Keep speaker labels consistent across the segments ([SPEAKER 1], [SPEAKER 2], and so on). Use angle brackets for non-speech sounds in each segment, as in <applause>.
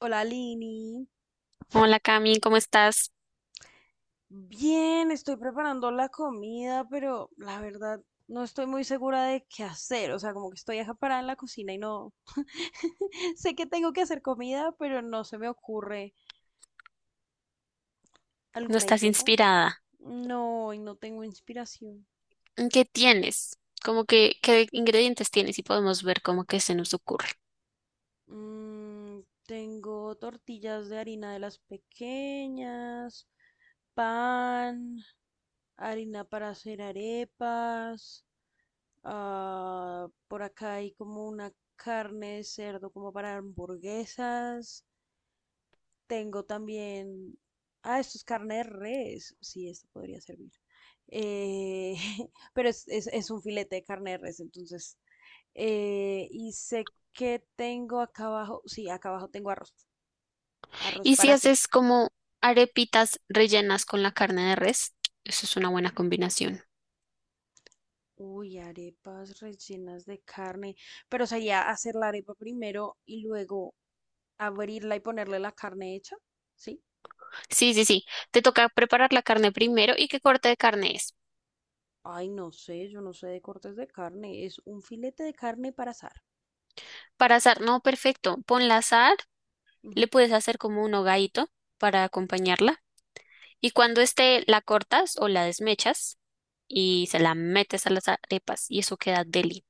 [SPEAKER 1] Hola, Lini.
[SPEAKER 2] Hola Cami, ¿cómo estás?
[SPEAKER 1] Bien, estoy preparando la comida, pero la verdad no estoy muy segura de qué hacer. O sea, como que estoy acaparada en la cocina y no <laughs> sé que tengo que hacer comida, pero no se me ocurre
[SPEAKER 2] ¿No
[SPEAKER 1] alguna
[SPEAKER 2] estás
[SPEAKER 1] idea.
[SPEAKER 2] inspirada?
[SPEAKER 1] No, y no tengo inspiración.
[SPEAKER 2] ¿Qué tienes? Como que, ¿qué ingredientes tienes? Y podemos ver cómo que se nos ocurre.
[SPEAKER 1] Mm, Tengo tortillas de harina de las pequeñas, pan, harina para hacer arepas. Ah, por acá hay como una carne de cerdo como para hamburguesas. Tengo también. Ah, esto es carne de res. Sí, esto podría servir. Eh, <laughs> pero es un filete de carne de res, entonces. Y sé que tengo acá abajo. Sí, acá abajo tengo arroz. Arroz
[SPEAKER 2] Y
[SPEAKER 1] para
[SPEAKER 2] si
[SPEAKER 1] hacer.
[SPEAKER 2] haces como arepitas rellenas con la carne de res, eso es una buena combinación.
[SPEAKER 1] Uy, arepas rellenas de carne. Pero sería hacer la arepa primero y luego abrirla y ponerle la carne hecha. ¿Sí?
[SPEAKER 2] Sí, sí, sí. Te toca preparar la carne primero. ¿Y qué corte de carne es?
[SPEAKER 1] Ay, no sé, yo no sé de cortes de carne. Es un filete de carne para asar.
[SPEAKER 2] Para asar, no, perfecto. Ponla a asar, le
[SPEAKER 1] Ujú.
[SPEAKER 2] puedes hacer como un hogadito para acompañarla. Y cuando esté, la cortas o la desmechas y se la metes a las arepas y eso queda deli.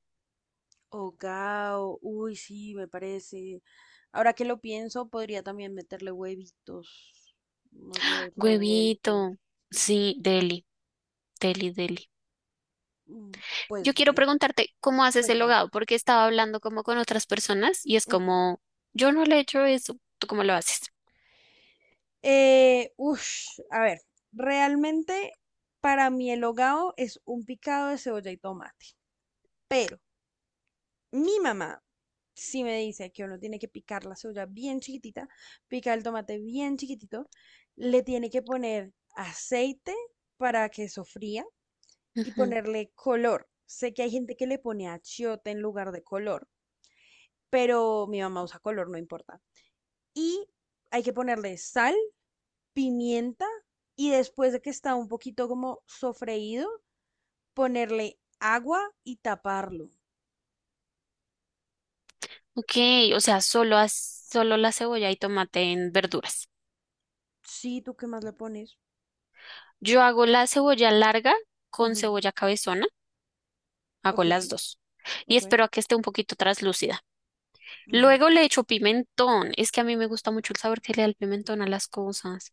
[SPEAKER 1] Hogao, uy, sí, me parece. Ahora que lo pienso, podría también meterle huevitos, unos huevos revueltos.
[SPEAKER 2] Huevito. Sí, deli, deli, deli.
[SPEAKER 1] Mm, Pues
[SPEAKER 2] Yo quiero
[SPEAKER 1] bueno,
[SPEAKER 2] preguntarte cómo haces el
[SPEAKER 1] cuéntame.
[SPEAKER 2] hogado, porque estaba hablando como con otras personas y es
[SPEAKER 1] Ujú.
[SPEAKER 2] como, yo no le he hecho eso, ¿tú cómo lo haces?
[SPEAKER 1] A ver, realmente para mí el hogao es un picado de cebolla y tomate. Pero mi mamá sí me dice que uno tiene que picar la cebolla bien chiquitita, picar el tomate bien chiquitito, le tiene que poner aceite para que sofría y
[SPEAKER 2] Ujú.
[SPEAKER 1] ponerle color. Sé que hay gente que le pone achiote en lugar de color, pero mi mamá usa color, no importa. Y hay que ponerle sal, pimienta y después de que está un poquito como sofreído, ponerle agua y taparlo.
[SPEAKER 2] Ok, o sea, solo, solo la cebolla y tomate en verduras.
[SPEAKER 1] Sí, ¿tú qué más le pones?
[SPEAKER 2] Yo hago la cebolla larga con
[SPEAKER 1] Ujú.
[SPEAKER 2] cebolla cabezona, hago
[SPEAKER 1] Ok,
[SPEAKER 2] las dos y
[SPEAKER 1] ok.
[SPEAKER 2] espero a que esté un poquito traslúcida.
[SPEAKER 1] Ujú.
[SPEAKER 2] Luego le echo pimentón, es que a mí me gusta mucho el sabor que le da el pimentón a las cosas.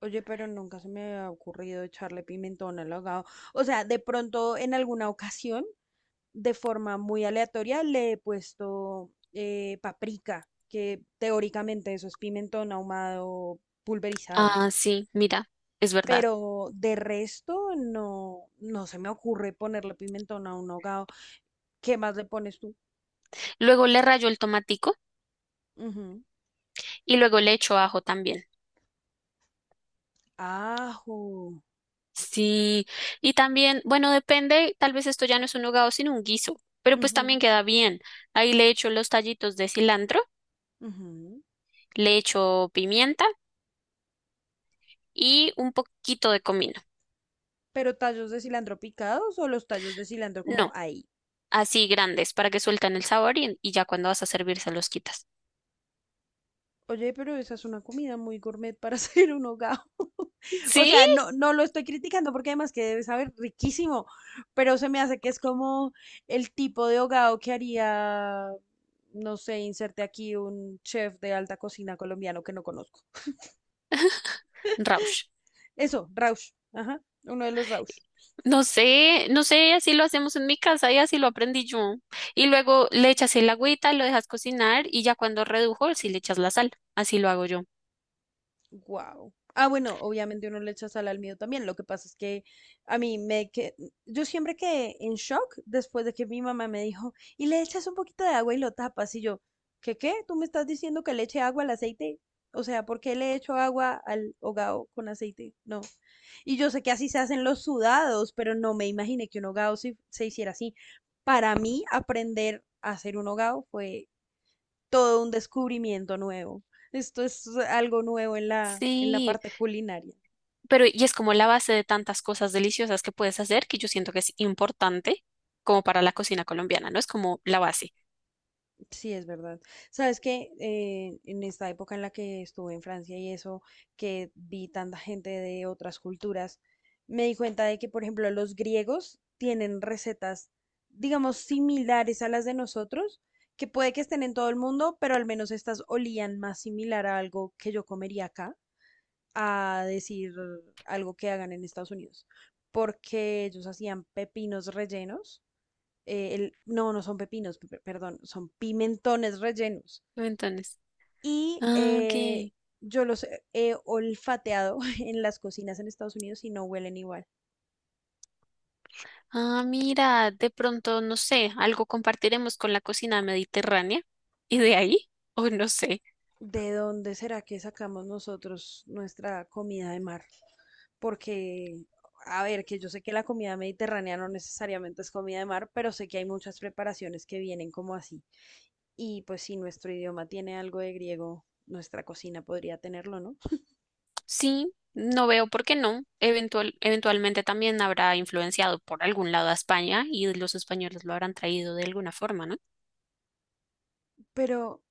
[SPEAKER 1] Oye, pero nunca se me ha ocurrido echarle pimentón al ahogado. O sea, de pronto en alguna ocasión, de forma muy aleatoria, le he puesto paprika, que teóricamente eso es pimentón ahumado pulverizado.
[SPEAKER 2] Ah, sí, mira, es verdad.
[SPEAKER 1] Pero de resto, no, no se me ocurre ponerle pimentón a un ahogado. ¿Qué más le pones tú?
[SPEAKER 2] Luego le rayo el tomatico
[SPEAKER 1] Ujú.
[SPEAKER 2] y luego le echo ajo también.
[SPEAKER 1] Ajo.
[SPEAKER 2] Sí, y también, bueno, depende, tal vez esto ya no es un hogado sino un guiso, pero pues
[SPEAKER 1] Ujú,
[SPEAKER 2] también queda bien. Ahí le echo los tallitos de cilantro,
[SPEAKER 1] ujú.
[SPEAKER 2] le echo pimienta y un poquito de comino.
[SPEAKER 1] ¿Pero tallos de cilantro picados o los tallos de cilantro como
[SPEAKER 2] No,
[SPEAKER 1] ahí?
[SPEAKER 2] así grandes para que suelten el sabor y ya cuando vas a servir se los quitas.
[SPEAKER 1] Oye, pero esa es una comida muy gourmet para <laughs> hacer un hogao. <laughs> O
[SPEAKER 2] Sí,
[SPEAKER 1] sea, no, no lo estoy criticando porque además que debe saber riquísimo, pero se me hace que es como el tipo de hogao que haría, no sé, inserte aquí un chef de alta cocina colombiano que no conozco.
[SPEAKER 2] Rausch.
[SPEAKER 1] Eso, Rausch, ajá, uno de los Rausch.
[SPEAKER 2] No sé, no sé, así lo hacemos en mi casa y así lo aprendí yo. Y luego le echas el agüita, lo dejas cocinar y ya cuando redujo, sí le echas la sal. Así lo hago yo.
[SPEAKER 1] Wow. Ah, bueno, obviamente uno le echa sal al miedo también. Lo que pasa es que a mí me que yo siempre quedé en shock después de que mi mamá me dijo, "Y le echas un poquito de agua y lo tapas." Y yo, "¿Qué qué? ¿Tú me estás diciendo que le eche agua al aceite?" O sea, ¿por qué le echo agua al hogao con aceite? No. Y yo sé que así se hacen los sudados, pero no me imaginé que un hogao se hiciera así. Para mí, aprender a hacer un hogao fue todo un descubrimiento nuevo. Esto es algo nuevo en la
[SPEAKER 2] Sí,
[SPEAKER 1] parte culinaria.
[SPEAKER 2] pero y es como la base de tantas cosas deliciosas que puedes hacer que yo siento que es importante como para la cocina colombiana, ¿no? Es como la base.
[SPEAKER 1] Sí, es verdad. Sabes que en esta época en la que estuve en Francia y eso, que vi tanta gente de otras culturas, me di cuenta de que, por ejemplo, los griegos tienen recetas, digamos, similares a las de nosotros, que puede que estén en todo el mundo, pero al menos estas olían más similar a algo que yo comería acá. A decir algo que hagan en Estados Unidos, porque ellos hacían pepinos rellenos, no, no son pepinos, perdón, son pimentones rellenos.
[SPEAKER 2] Entonces,
[SPEAKER 1] Y
[SPEAKER 2] ah, ok.
[SPEAKER 1] yo los he olfateado <laughs> en las cocinas en Estados Unidos y no huelen igual.
[SPEAKER 2] Ah, mira, de pronto, no sé, algo compartiremos con la cocina mediterránea y de ahí, o no sé.
[SPEAKER 1] ¿De dónde será que sacamos nosotros nuestra comida de mar? Porque, a ver, que yo sé que la comida mediterránea no necesariamente es comida de mar, pero sé que hay muchas preparaciones que vienen como así. Y pues si nuestro idioma tiene algo de griego, nuestra cocina podría tenerlo, ¿no?
[SPEAKER 2] Sí, no veo por qué no. Eventualmente también habrá influenciado por algún lado a España y los españoles lo habrán traído de alguna forma, ¿no?
[SPEAKER 1] Pero,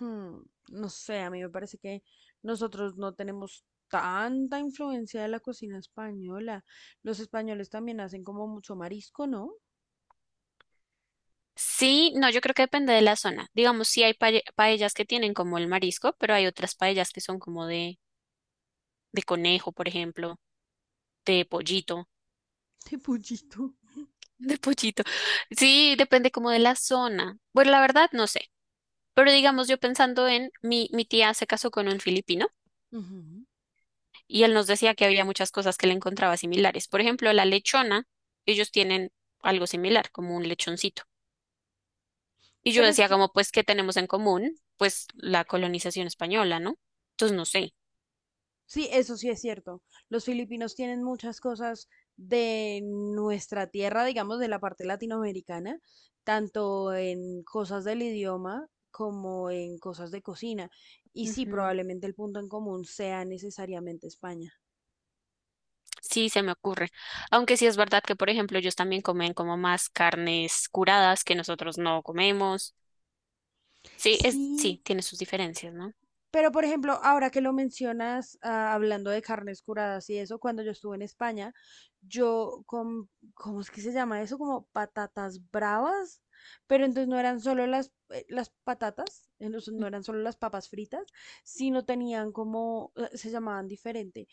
[SPEAKER 1] hmm, no sé, a mí me parece que nosotros no tenemos tanta influencia de la cocina española. Los españoles también hacen como mucho marisco, ¿no?
[SPEAKER 2] Sí, no, yo creo que depende de la zona. Digamos, sí hay paellas que tienen como el marisco, pero hay otras paellas que son como de conejo, por ejemplo, de pollito,
[SPEAKER 1] <laughs> De pollito.
[SPEAKER 2] <laughs> de pollito. Sí, depende como de la zona. Bueno, la verdad, no sé. Pero digamos, yo pensando en mi tía se casó con un filipino.
[SPEAKER 1] Ujú.
[SPEAKER 2] Y él nos decía que había muchas cosas que le encontraba similares. Por ejemplo, la lechona, ellos tienen algo similar, como un lechoncito. Y yo
[SPEAKER 1] Pero es
[SPEAKER 2] decía
[SPEAKER 1] que
[SPEAKER 2] como, pues, ¿qué tenemos en común? Pues la colonización española, ¿no? Entonces, no sé.
[SPEAKER 1] sí, eso sí es cierto. Los filipinos tienen muchas cosas de nuestra tierra, digamos, de la parte latinoamericana, tanto en cosas del idioma como en cosas de cocina. Y sí,
[SPEAKER 2] Ujú.
[SPEAKER 1] probablemente el punto en común sea necesariamente España.
[SPEAKER 2] Sí, se me ocurre. Aunque sí es verdad que, por ejemplo, ellos también comen como más carnes curadas que nosotros no comemos. Sí, es,
[SPEAKER 1] Sí.
[SPEAKER 2] sí, tiene sus diferencias, ¿no?
[SPEAKER 1] Pero, por ejemplo, ahora que lo mencionas, ah, hablando de carnes curadas y eso, cuando yo estuve en España, yo con, ¿cómo es que se llama eso? Como patatas bravas, pero entonces no eran solo las patatas, entonces no
[SPEAKER 2] Ujú.
[SPEAKER 1] eran solo las papas fritas, sino tenían como, se llamaban diferente,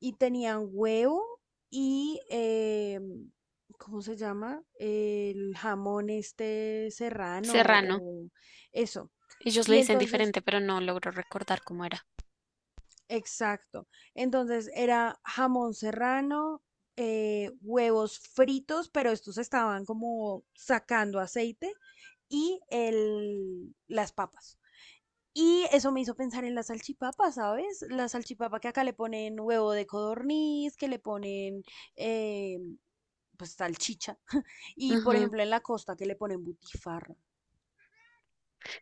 [SPEAKER 1] y tenían huevo y ¿cómo se llama? El jamón este serrano
[SPEAKER 2] Serrano.
[SPEAKER 1] o eso.
[SPEAKER 2] Ellos le
[SPEAKER 1] Y
[SPEAKER 2] dicen
[SPEAKER 1] entonces,
[SPEAKER 2] diferente, pero no logro recordar cómo era.
[SPEAKER 1] exacto. Entonces era jamón serrano, huevos fritos, pero estos estaban como sacando aceite y las papas. Y eso me hizo pensar en la salchipapa, ¿sabes? La salchipapa que acá le ponen huevo de codorniz, que le ponen eh, pues salchicha. Y por
[SPEAKER 2] Ujú.
[SPEAKER 1] ejemplo en la costa que le ponen butifarra.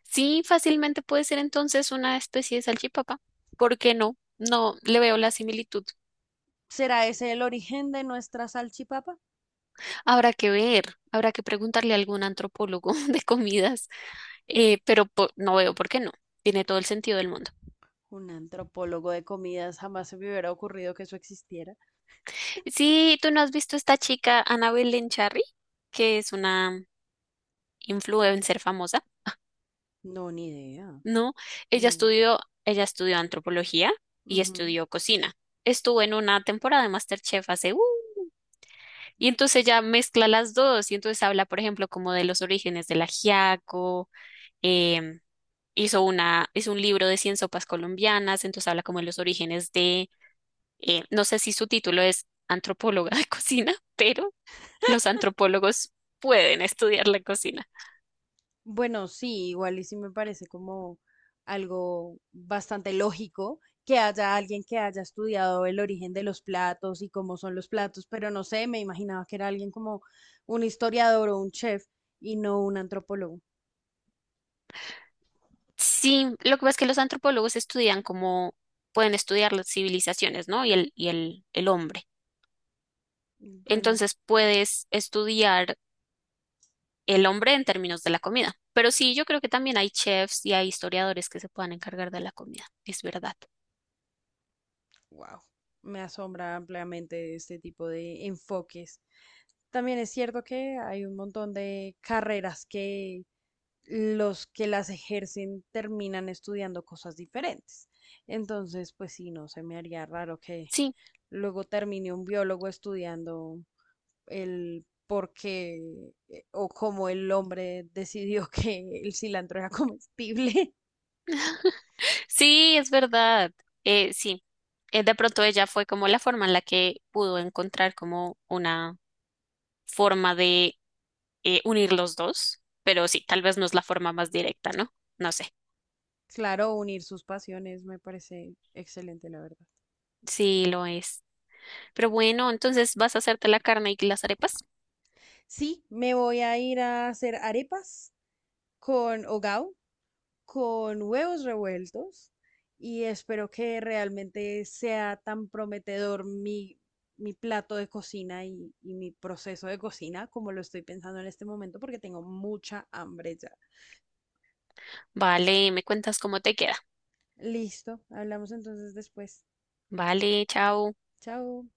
[SPEAKER 2] Sí, fácilmente puede ser entonces una especie de salchipapa. ¿Por qué no? No le veo la similitud.
[SPEAKER 1] ¿Será ese el origen de nuestra salchipapa?
[SPEAKER 2] Habrá que ver, habrá que preguntarle a algún antropólogo <laughs> de comidas, pero no veo por qué no. Tiene todo el sentido del mundo.
[SPEAKER 1] Un antropólogo de comidas jamás se me hubiera ocurrido que eso existiera.
[SPEAKER 2] Sí, tú no has visto esta chica, Annabel Lencharry, que es una influencer famosa,
[SPEAKER 1] No, ni idea.
[SPEAKER 2] ¿no? Ella
[SPEAKER 1] No.
[SPEAKER 2] estudió, ella estudió antropología y
[SPEAKER 1] Ujú.
[SPEAKER 2] estudió cocina. Estuvo en una temporada de MasterChef hace, ¡uh! Y entonces ya mezcla las dos y entonces habla, por ejemplo, como de los orígenes del ajiaco, em, hizo un libro de 100 sopas colombianas, entonces habla como de los orígenes de, no sé si su título es antropóloga de <laughs> cocina, pero los antropólogos pueden estudiar la cocina.
[SPEAKER 1] Bueno, sí, igual y sí me parece como algo bastante lógico que haya alguien que haya estudiado el origen de los platos y cómo son los platos, pero no sé, me imaginaba que era alguien como un historiador o un chef y no un antropólogo.
[SPEAKER 2] Sí, lo que pasa es que los antropólogos estudian como, pueden estudiar las civilizaciones, ¿no? El hombre.
[SPEAKER 1] Bueno,
[SPEAKER 2] Entonces puedes estudiar el hombre en términos de la comida. Pero sí, yo creo que también hay chefs y hay historiadores que se puedan encargar de la comida. Es verdad.
[SPEAKER 1] wow, me asombra ampliamente este tipo de enfoques. También es cierto que hay un montón de carreras que los que las ejercen terminan estudiando cosas diferentes. Entonces, pues sí, no se me haría raro que
[SPEAKER 2] Sí,
[SPEAKER 1] luego termine un biólogo estudiando el por qué o cómo el hombre decidió <laughs> que el cilantro era comestible. <laughs>
[SPEAKER 2] sí, es verdad. Eh, sí, de pronto ella fue como la forma en la que pudo encontrar como una forma de unir los dos. Pero sí, tal vez no es la forma más directa, ¿no? No sé.
[SPEAKER 1] Claro, unir sus pasiones me parece excelente, la verdad.
[SPEAKER 2] Sí, lo es. Pero bueno, entonces vas a hacerte la carne y las arepas.
[SPEAKER 1] Sí, me voy a ir a hacer arepas con hogao, con huevos revueltos y espero que realmente sea tan prometedor mi plato de cocina y mi proceso de cocina como lo estoy pensando en este momento porque tengo mucha hambre ya.
[SPEAKER 2] Vale, me cuentas cómo te queda.
[SPEAKER 1] Listo, hablamos entonces después.
[SPEAKER 2] Vale, chao.
[SPEAKER 1] Chao.